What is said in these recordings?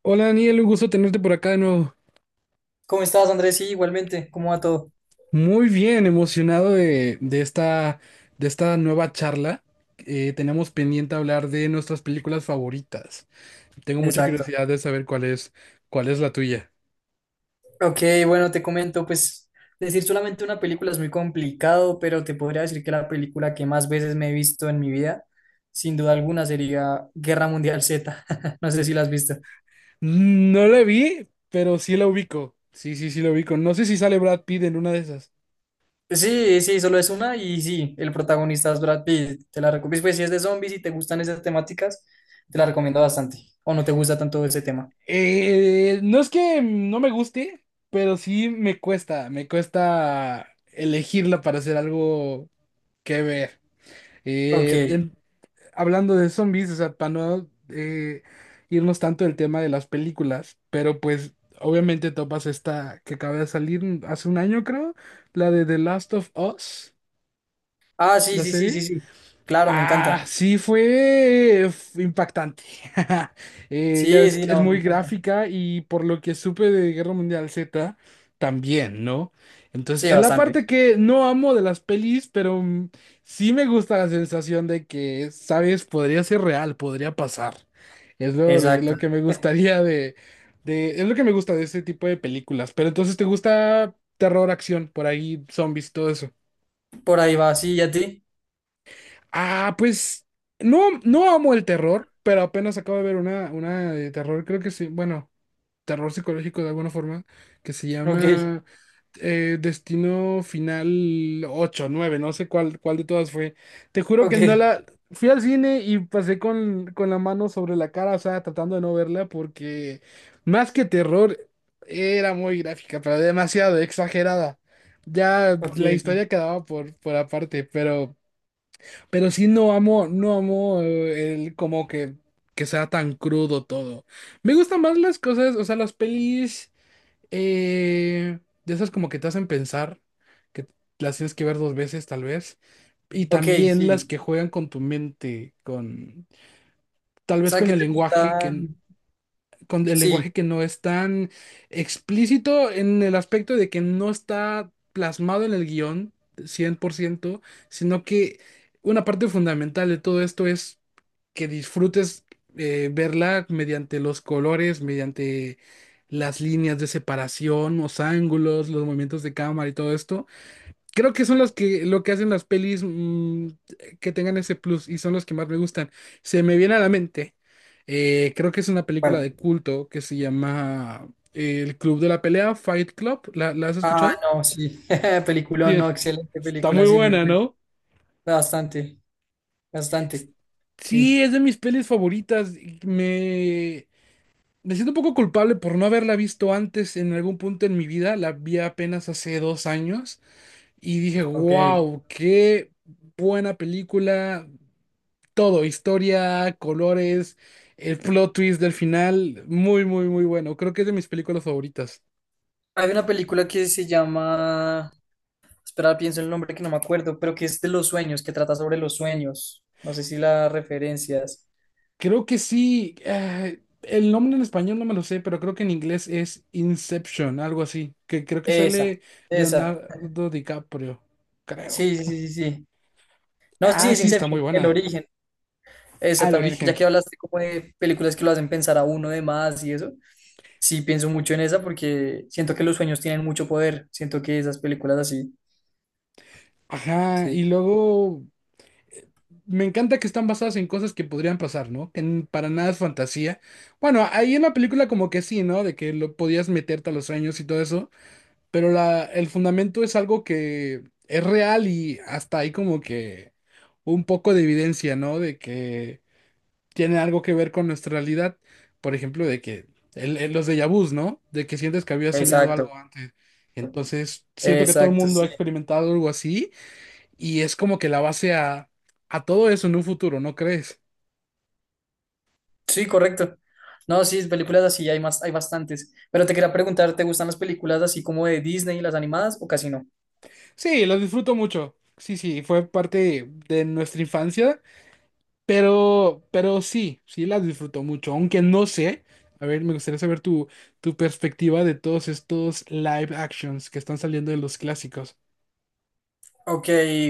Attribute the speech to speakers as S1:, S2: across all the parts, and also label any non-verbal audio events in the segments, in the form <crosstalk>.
S1: Hola, Daniel, un gusto tenerte por acá de nuevo.
S2: ¿Cómo estás, Andrés? Sí, igualmente, ¿cómo va todo?
S1: Muy bien, emocionado de esta nueva charla. Tenemos pendiente hablar de nuestras películas favoritas. Tengo mucha
S2: Exacto.
S1: curiosidad de saber cuál es la tuya.
S2: Ok, bueno, te comento, pues decir solamente una película es muy complicado, pero te podría decir que la película que más veces me he visto en mi vida, sin duda alguna, sería Guerra Mundial Z. <laughs> No sé si la has visto.
S1: No la vi, pero sí la ubico. Sí, sí, sí la ubico. No sé si sale Brad Pitt en una de esas.
S2: Sí, sí, solo es una y sí, el protagonista es Brad Pitt. Te la recomiendo, pues si es de zombies y te gustan esas temáticas, te la recomiendo bastante. O no te gusta tanto ese tema.
S1: No es que no me guste, pero sí me cuesta elegirla para hacer algo que ver. Eh,
S2: Ok.
S1: em- Hablando de zombies, o sea, para no irnos tanto del tema de las películas, pero pues obviamente topas esta que acaba de salir hace un año, creo, la de The Last of Us,
S2: Ah, sí,
S1: la
S2: sí, sí, sí,
S1: serie.
S2: sí. Claro, me encanta.
S1: Ah, sí, fue impactante. <laughs> Ya
S2: Sí,
S1: ves
S2: sí,
S1: que es
S2: no, me
S1: muy
S2: encanta.
S1: gráfica y por lo que supe de Guerra Mundial Z también, ¿no? Entonces,
S2: Sí,
S1: es la
S2: bastante.
S1: parte que no amo de las pelis, pero sí me gusta la sensación de que, ¿sabes? Podría ser real, podría pasar. Es lo, lo-
S2: Exacto.
S1: lo que me gustaría de. Es lo que me gusta de ese tipo de películas. Pero entonces, ¿te gusta terror, acción, por ahí, zombies, todo?
S2: Por ahí va, sí, ¿y a ti?
S1: Ah, pues no amo el terror, pero apenas acabo de ver una de terror, creo que sí, bueno, terror psicológico de alguna forma, que se
S2: Ok,
S1: llama Destino Final ocho, nueve, no sé cuál de todas fue. Te juro
S2: ok,
S1: que no la... Fui al cine y pasé con la mano sobre la cara, o sea, tratando de no verla porque más que terror era muy gráfica, pero demasiado exagerada. Ya
S2: ok,
S1: la
S2: ok.
S1: historia quedaba por aparte, pero... Pero sí no amo el como que sea tan crudo todo. Me gustan más las cosas, o sea, las pelis de esas como que te hacen pensar, que las tienes que ver dos veces tal vez. Y
S2: Ok,
S1: también las
S2: sí.
S1: que juegan con tu mente, con, tal
S2: O
S1: vez,
S2: sea, ¿qué te gustan?
S1: con el
S2: Sí,
S1: lenguaje que no es tan explícito en el aspecto de que no está plasmado en el guión 100%, sino que una parte fundamental de todo esto es que disfrutes verla mediante los colores, mediante las líneas de separación, los ángulos, los movimientos de cámara y todo esto. Creo que son los que lo que hacen las pelis que tengan ese plus y son los que más me gustan. Se me viene a la mente. Creo que es una película
S2: ¿cuál?
S1: de culto que se llama El Club de la Pelea, Fight Club. ¿La has
S2: Ah,
S1: escuchado?
S2: no, sí. <laughs> Película,
S1: Sí.
S2: no, excelente
S1: Está muy
S2: película, sí, muy
S1: buena,
S2: buena.
S1: ¿no?
S2: Bastante,
S1: S-
S2: bastante.
S1: Sí,
S2: Sí,
S1: es de mis pelis favoritas. Y me siento un poco culpable por no haberla visto antes en algún punto en mi vida. La vi apenas hace 2 años y dije,
S2: ok.
S1: wow, qué buena película. Todo, historia, colores, el plot twist del final, muy, muy, muy bueno. Creo que es de mis películas favoritas.
S2: Hay una película que se llama. Espera, pienso el nombre que no me acuerdo, pero que es de los sueños, que trata sobre los sueños. No sé si la referencias.
S1: Creo que sí, el nombre en español no me lo sé, pero creo que en inglés es Inception, algo así, que creo que
S2: Esa,
S1: sale
S2: esa.
S1: Leonardo DiCaprio, creo.
S2: Sí, sí, sí, sí, sí. No, sí,
S1: Ah,
S2: es
S1: sí, está muy
S2: Inception, el
S1: buena.
S2: origen. Esa
S1: Al
S2: también, ya
S1: origen.
S2: que hablaste como de películas que lo hacen pensar a uno de más y eso, sí pienso mucho en esa porque siento que los sueños tienen mucho poder, siento que esas películas así,
S1: Ajá,
S2: sí,
S1: y luego me encanta que están basadas en cosas que podrían pasar, ¿no? Que para nada es fantasía. Bueno, ahí en la película como que sí, ¿no? De que lo podías meterte a los sueños y todo eso, pero el fundamento es algo que es real y hasta hay como que un poco de evidencia, ¿no? De que tiene algo que ver con nuestra realidad. Por ejemplo, de que los déjà vus, ¿no? De que sientes que habías soñado
S2: exacto,
S1: algo antes. Entonces, siento que todo el
S2: exacto,
S1: mundo ha
S2: sí,
S1: experimentado algo así y es como que la base a todo eso en un futuro, ¿no crees?
S2: sí, correcto. No, sí, películas así hay más, hay bastantes, pero te quería preguntar, ¿te gustan las películas así como de Disney, las animadas o casi no?
S1: Sí, lo disfruto mucho. Sí, sí, fue parte de nuestra infancia, pero sí, sí las disfruto mucho, aunque no sé. A ver, me gustaría saber tu perspectiva de todos estos live actions que están saliendo de los clásicos.
S2: Ok,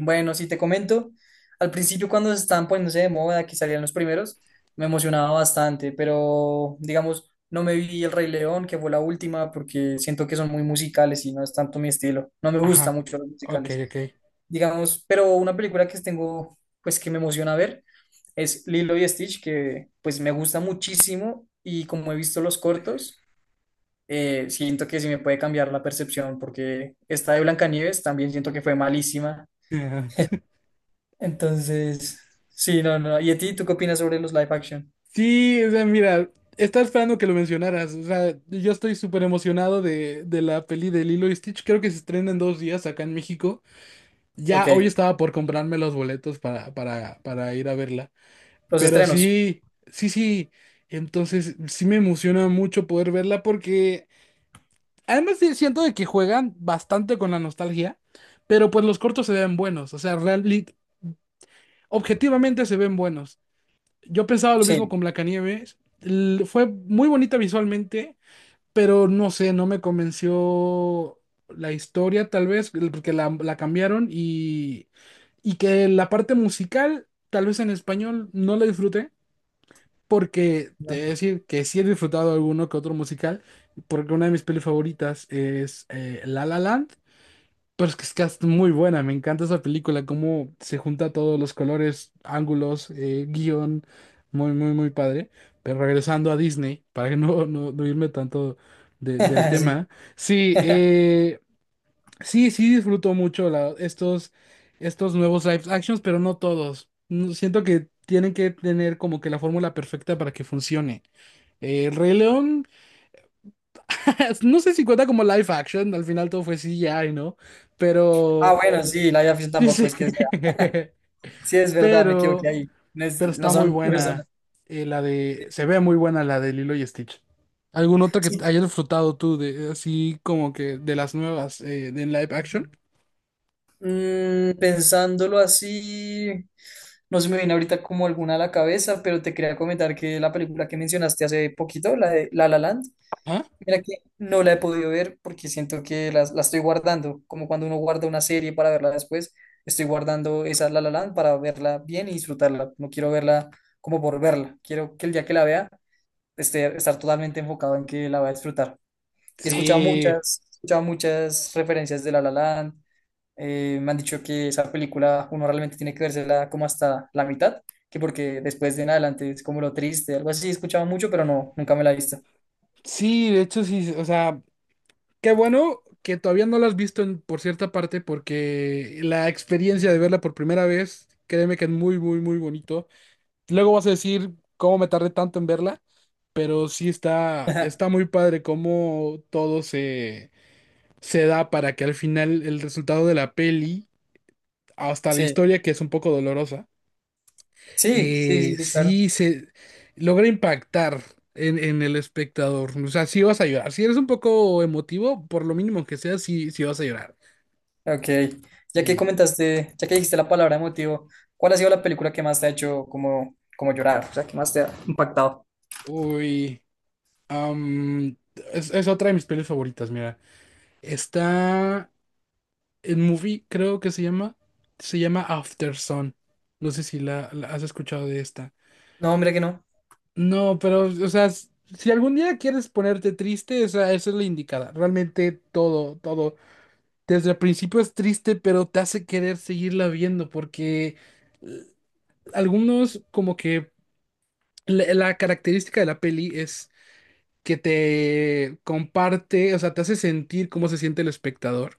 S2: bueno, si te comento, al principio cuando se estaban poniéndose de moda, que salían los primeros, me emocionaba bastante, pero digamos, no me vi El Rey León, que fue la última, porque siento que son muy musicales y no es tanto mi estilo. No me gusta
S1: Ajá.
S2: mucho los
S1: Ok,
S2: musicales.
S1: ok.
S2: Digamos, pero una película que tengo, pues que me emociona ver, es Lilo y Stitch, que pues me gusta muchísimo y como he visto los cortos, siento que sí me puede cambiar la percepción, porque esta de Blancanieves también siento que fue malísima
S1: Ajá.
S2: entonces, sí, no, no, no. ¿Y a ti, tú qué opinas sobre los live action?
S1: Sí, o sea, mira, estaba esperando que lo mencionaras. O sea, yo estoy súper emocionado de la peli de Lilo y Stitch. Creo que se estrena en 2 días acá en México.
S2: Ok.
S1: Ya hoy estaba por comprarme los boletos para ir a verla.
S2: Los
S1: Pero
S2: estrenos.
S1: sí, sí, sí. Entonces sí me emociona mucho poder verla porque además sí siento de que juegan bastante con la nostalgia, pero pues los cortos se ven buenos. O sea, realmente, objetivamente se ven buenos. Yo pensaba lo mismo
S2: Sí.
S1: con Blancanieves. Fue muy bonita visualmente, pero no sé, no me convenció la historia, tal vez, porque la cambiaron y que la parte musical, tal vez en español, no la disfruté, porque te
S2: No.
S1: voy a decir que sí he disfrutado alguno que otro musical, porque una de mis pelis favoritas es La La Land, pero es que es muy buena, me encanta esa película, cómo se junta todos los colores, ángulos, guión, muy, muy, muy padre. Pero regresando a Disney, para que no irme tanto del
S2: <laughs> Sí.
S1: tema. Sí,
S2: <laughs>
S1: sí sí disfruto mucho estos nuevos live actions, pero no todos. Siento que tienen que tener como que la fórmula perfecta para que funcione. El Rey León, <laughs> no sé si cuenta como live action, al final todo fue CGI, ¿no?
S2: Ah,
S1: Pero,
S2: bueno, sí, live action
S1: yo
S2: tampoco.
S1: sé. <laughs>
S2: Sí es verdad, me equivoqué
S1: Pero,
S2: ahí.
S1: pero
S2: No
S1: está muy
S2: son personas.
S1: buena. Se ve muy buena la de Lilo y Stitch. ¿Algún otro que
S2: Sí.
S1: hayas disfrutado tú, así como que de las nuevas de live action?
S2: Pensándolo así, no se me viene ahorita como alguna a la cabeza, pero te quería comentar que la película que mencionaste hace poquito, la de La La Land,
S1: Ajá.
S2: mira que no la he podido ver porque siento que estoy guardando, como cuando uno guarda una serie para verla después, estoy guardando esa La La Land para verla bien y disfrutarla. No quiero verla como por verla, quiero que el día que la vea esté estar totalmente enfocado en que la voy a disfrutar.
S1: Sí.
S2: He escuchado muchas referencias de La La Land, me han dicho que esa película uno realmente tiene que vérsela como hasta la mitad, que porque después de en adelante es como lo triste, algo así. He escuchado mucho, pero no, nunca me la he visto.
S1: Sí, de hecho sí, o sea, qué bueno que todavía no la has visto por cierta parte porque la experiencia de verla por primera vez, créeme que es muy, muy, muy bonito. Luego vas a decir cómo me tardé tanto en verla, pero sí está
S2: <laughs>
S1: muy padre cómo todo se da para que al final el resultado de la peli, hasta la
S2: Sí.
S1: historia que es un poco dolorosa.
S2: Sí, sí, sí, sí, claro.
S1: Sí se logra impactar en el espectador. O sea, sí vas a llorar. Si eres un poco emotivo, por lo mínimo que sea, sí, sí vas a llorar.
S2: Ok. Ya que
S1: Eh,
S2: comentaste, ya que dijiste la palabra emotivo, ¿cuál ha sido la película que más te ha hecho como, como llorar? O sea, que más te ha impactado.
S1: Uy, am, es otra de mis pelis favoritas, mira. Está en movie, creo que se llama. Se llama After Sun. No sé si la has escuchado de esta.
S2: No, mira que no.
S1: No, pero, o sea, si algún día quieres ponerte triste, esa es la indicada. Realmente todo, todo. Desde el principio es triste, pero te hace querer seguirla viendo porque eh, algunos como que la característica de la peli es que te comparte, o sea, te hace sentir cómo se siente el espectador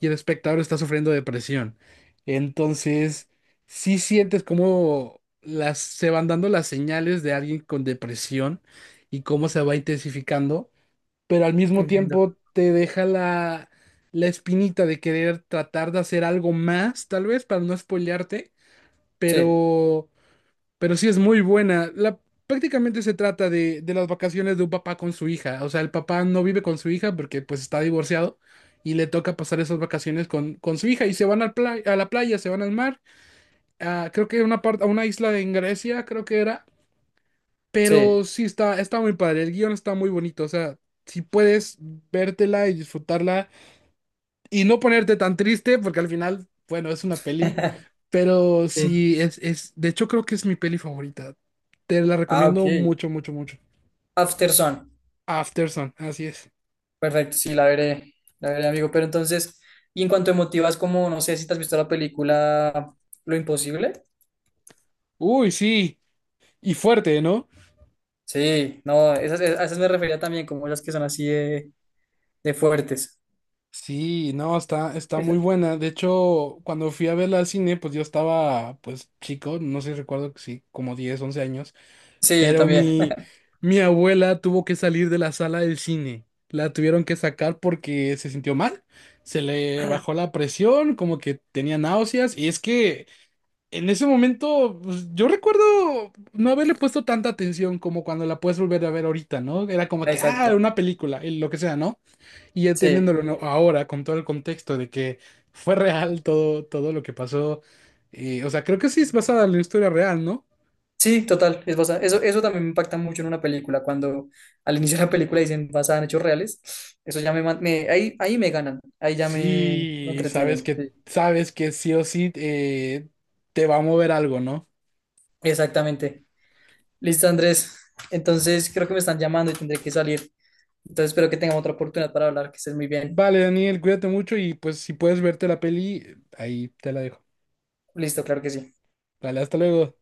S1: y el espectador está sufriendo depresión. Entonces, sí sientes cómo se van dando las señales de alguien con depresión y cómo se va intensificando, pero al mismo
S2: Entiendo.
S1: tiempo te deja la espinita de querer tratar de hacer algo más, tal vez, para no spoilearte,
S2: Sí,
S1: pero, pero, sí es muy buena. Prácticamente se trata de las vacaciones de un papá con su hija, o sea, el papá no vive con su hija porque pues está divorciado. Y le toca pasar esas vacaciones con su hija y se van al a la playa, se van al mar, creo que a una parte, a una isla en Grecia, creo que era, pero
S2: sí.
S1: sí está muy padre, el guión está muy bonito, o sea, si puedes vértela y disfrutarla y no ponerte tan triste, porque al final, bueno, es una peli,
S2: <laughs>
S1: pero
S2: Sí.
S1: sí de hecho creo que es mi peli favorita. Te la
S2: Ah, ok.
S1: recomiendo mucho, mucho, mucho.
S2: After Sun.
S1: After Sun, así es.
S2: Perfecto, sí, la veré. La veré, amigo. Pero entonces, y en cuanto a emotivas, como no sé si te has visto la película Lo Imposible.
S1: Uy, sí, y fuerte, ¿no?
S2: Sí, no, esas, a esas me refería también, como las que son así de fuertes.
S1: Sí, no, está muy
S2: Esa-
S1: buena. De hecho, cuando fui a verla al cine, pues yo estaba, pues chico, no sé, recuerdo que sí, como 10 u 11 años.
S2: Sí, yo
S1: Pero
S2: también.
S1: mi abuela tuvo que salir de la sala del cine. La tuvieron que sacar porque se sintió mal. Se le bajó la presión, como que tenía náuseas. Y es que en ese momento, pues, yo recuerdo no haberle puesto tanta atención como cuando la puedes volver a ver ahorita, ¿no? Era
S2: <laughs>
S1: como que, ah,
S2: Exacto.
S1: una película, y lo que sea, ¿no? Y
S2: Sí.
S1: entendiéndolo, ¿no?, ahora con todo el contexto de que fue real todo, todo lo que pasó. O sea, creo que sí es basada en la historia real, ¿no?
S2: Sí, total, es basada. Eso también me impacta mucho en una película, cuando al inicio de la película dicen basada en hechos reales, eso ya me, ahí, ahí me ganan, ahí ya me
S1: Sí,
S2: entretienen. Sí.
S1: sabes que sí o sí, te va a mover algo, ¿no?
S2: Exactamente. Listo, Andrés. Entonces creo que me están llamando y tendré que salir. Entonces espero que tengamos otra oportunidad para hablar, que estés muy bien.
S1: Vale, Daniel, cuídate mucho y pues si puedes verte la peli, ahí te la dejo.
S2: Listo, claro que sí.
S1: Vale, hasta luego.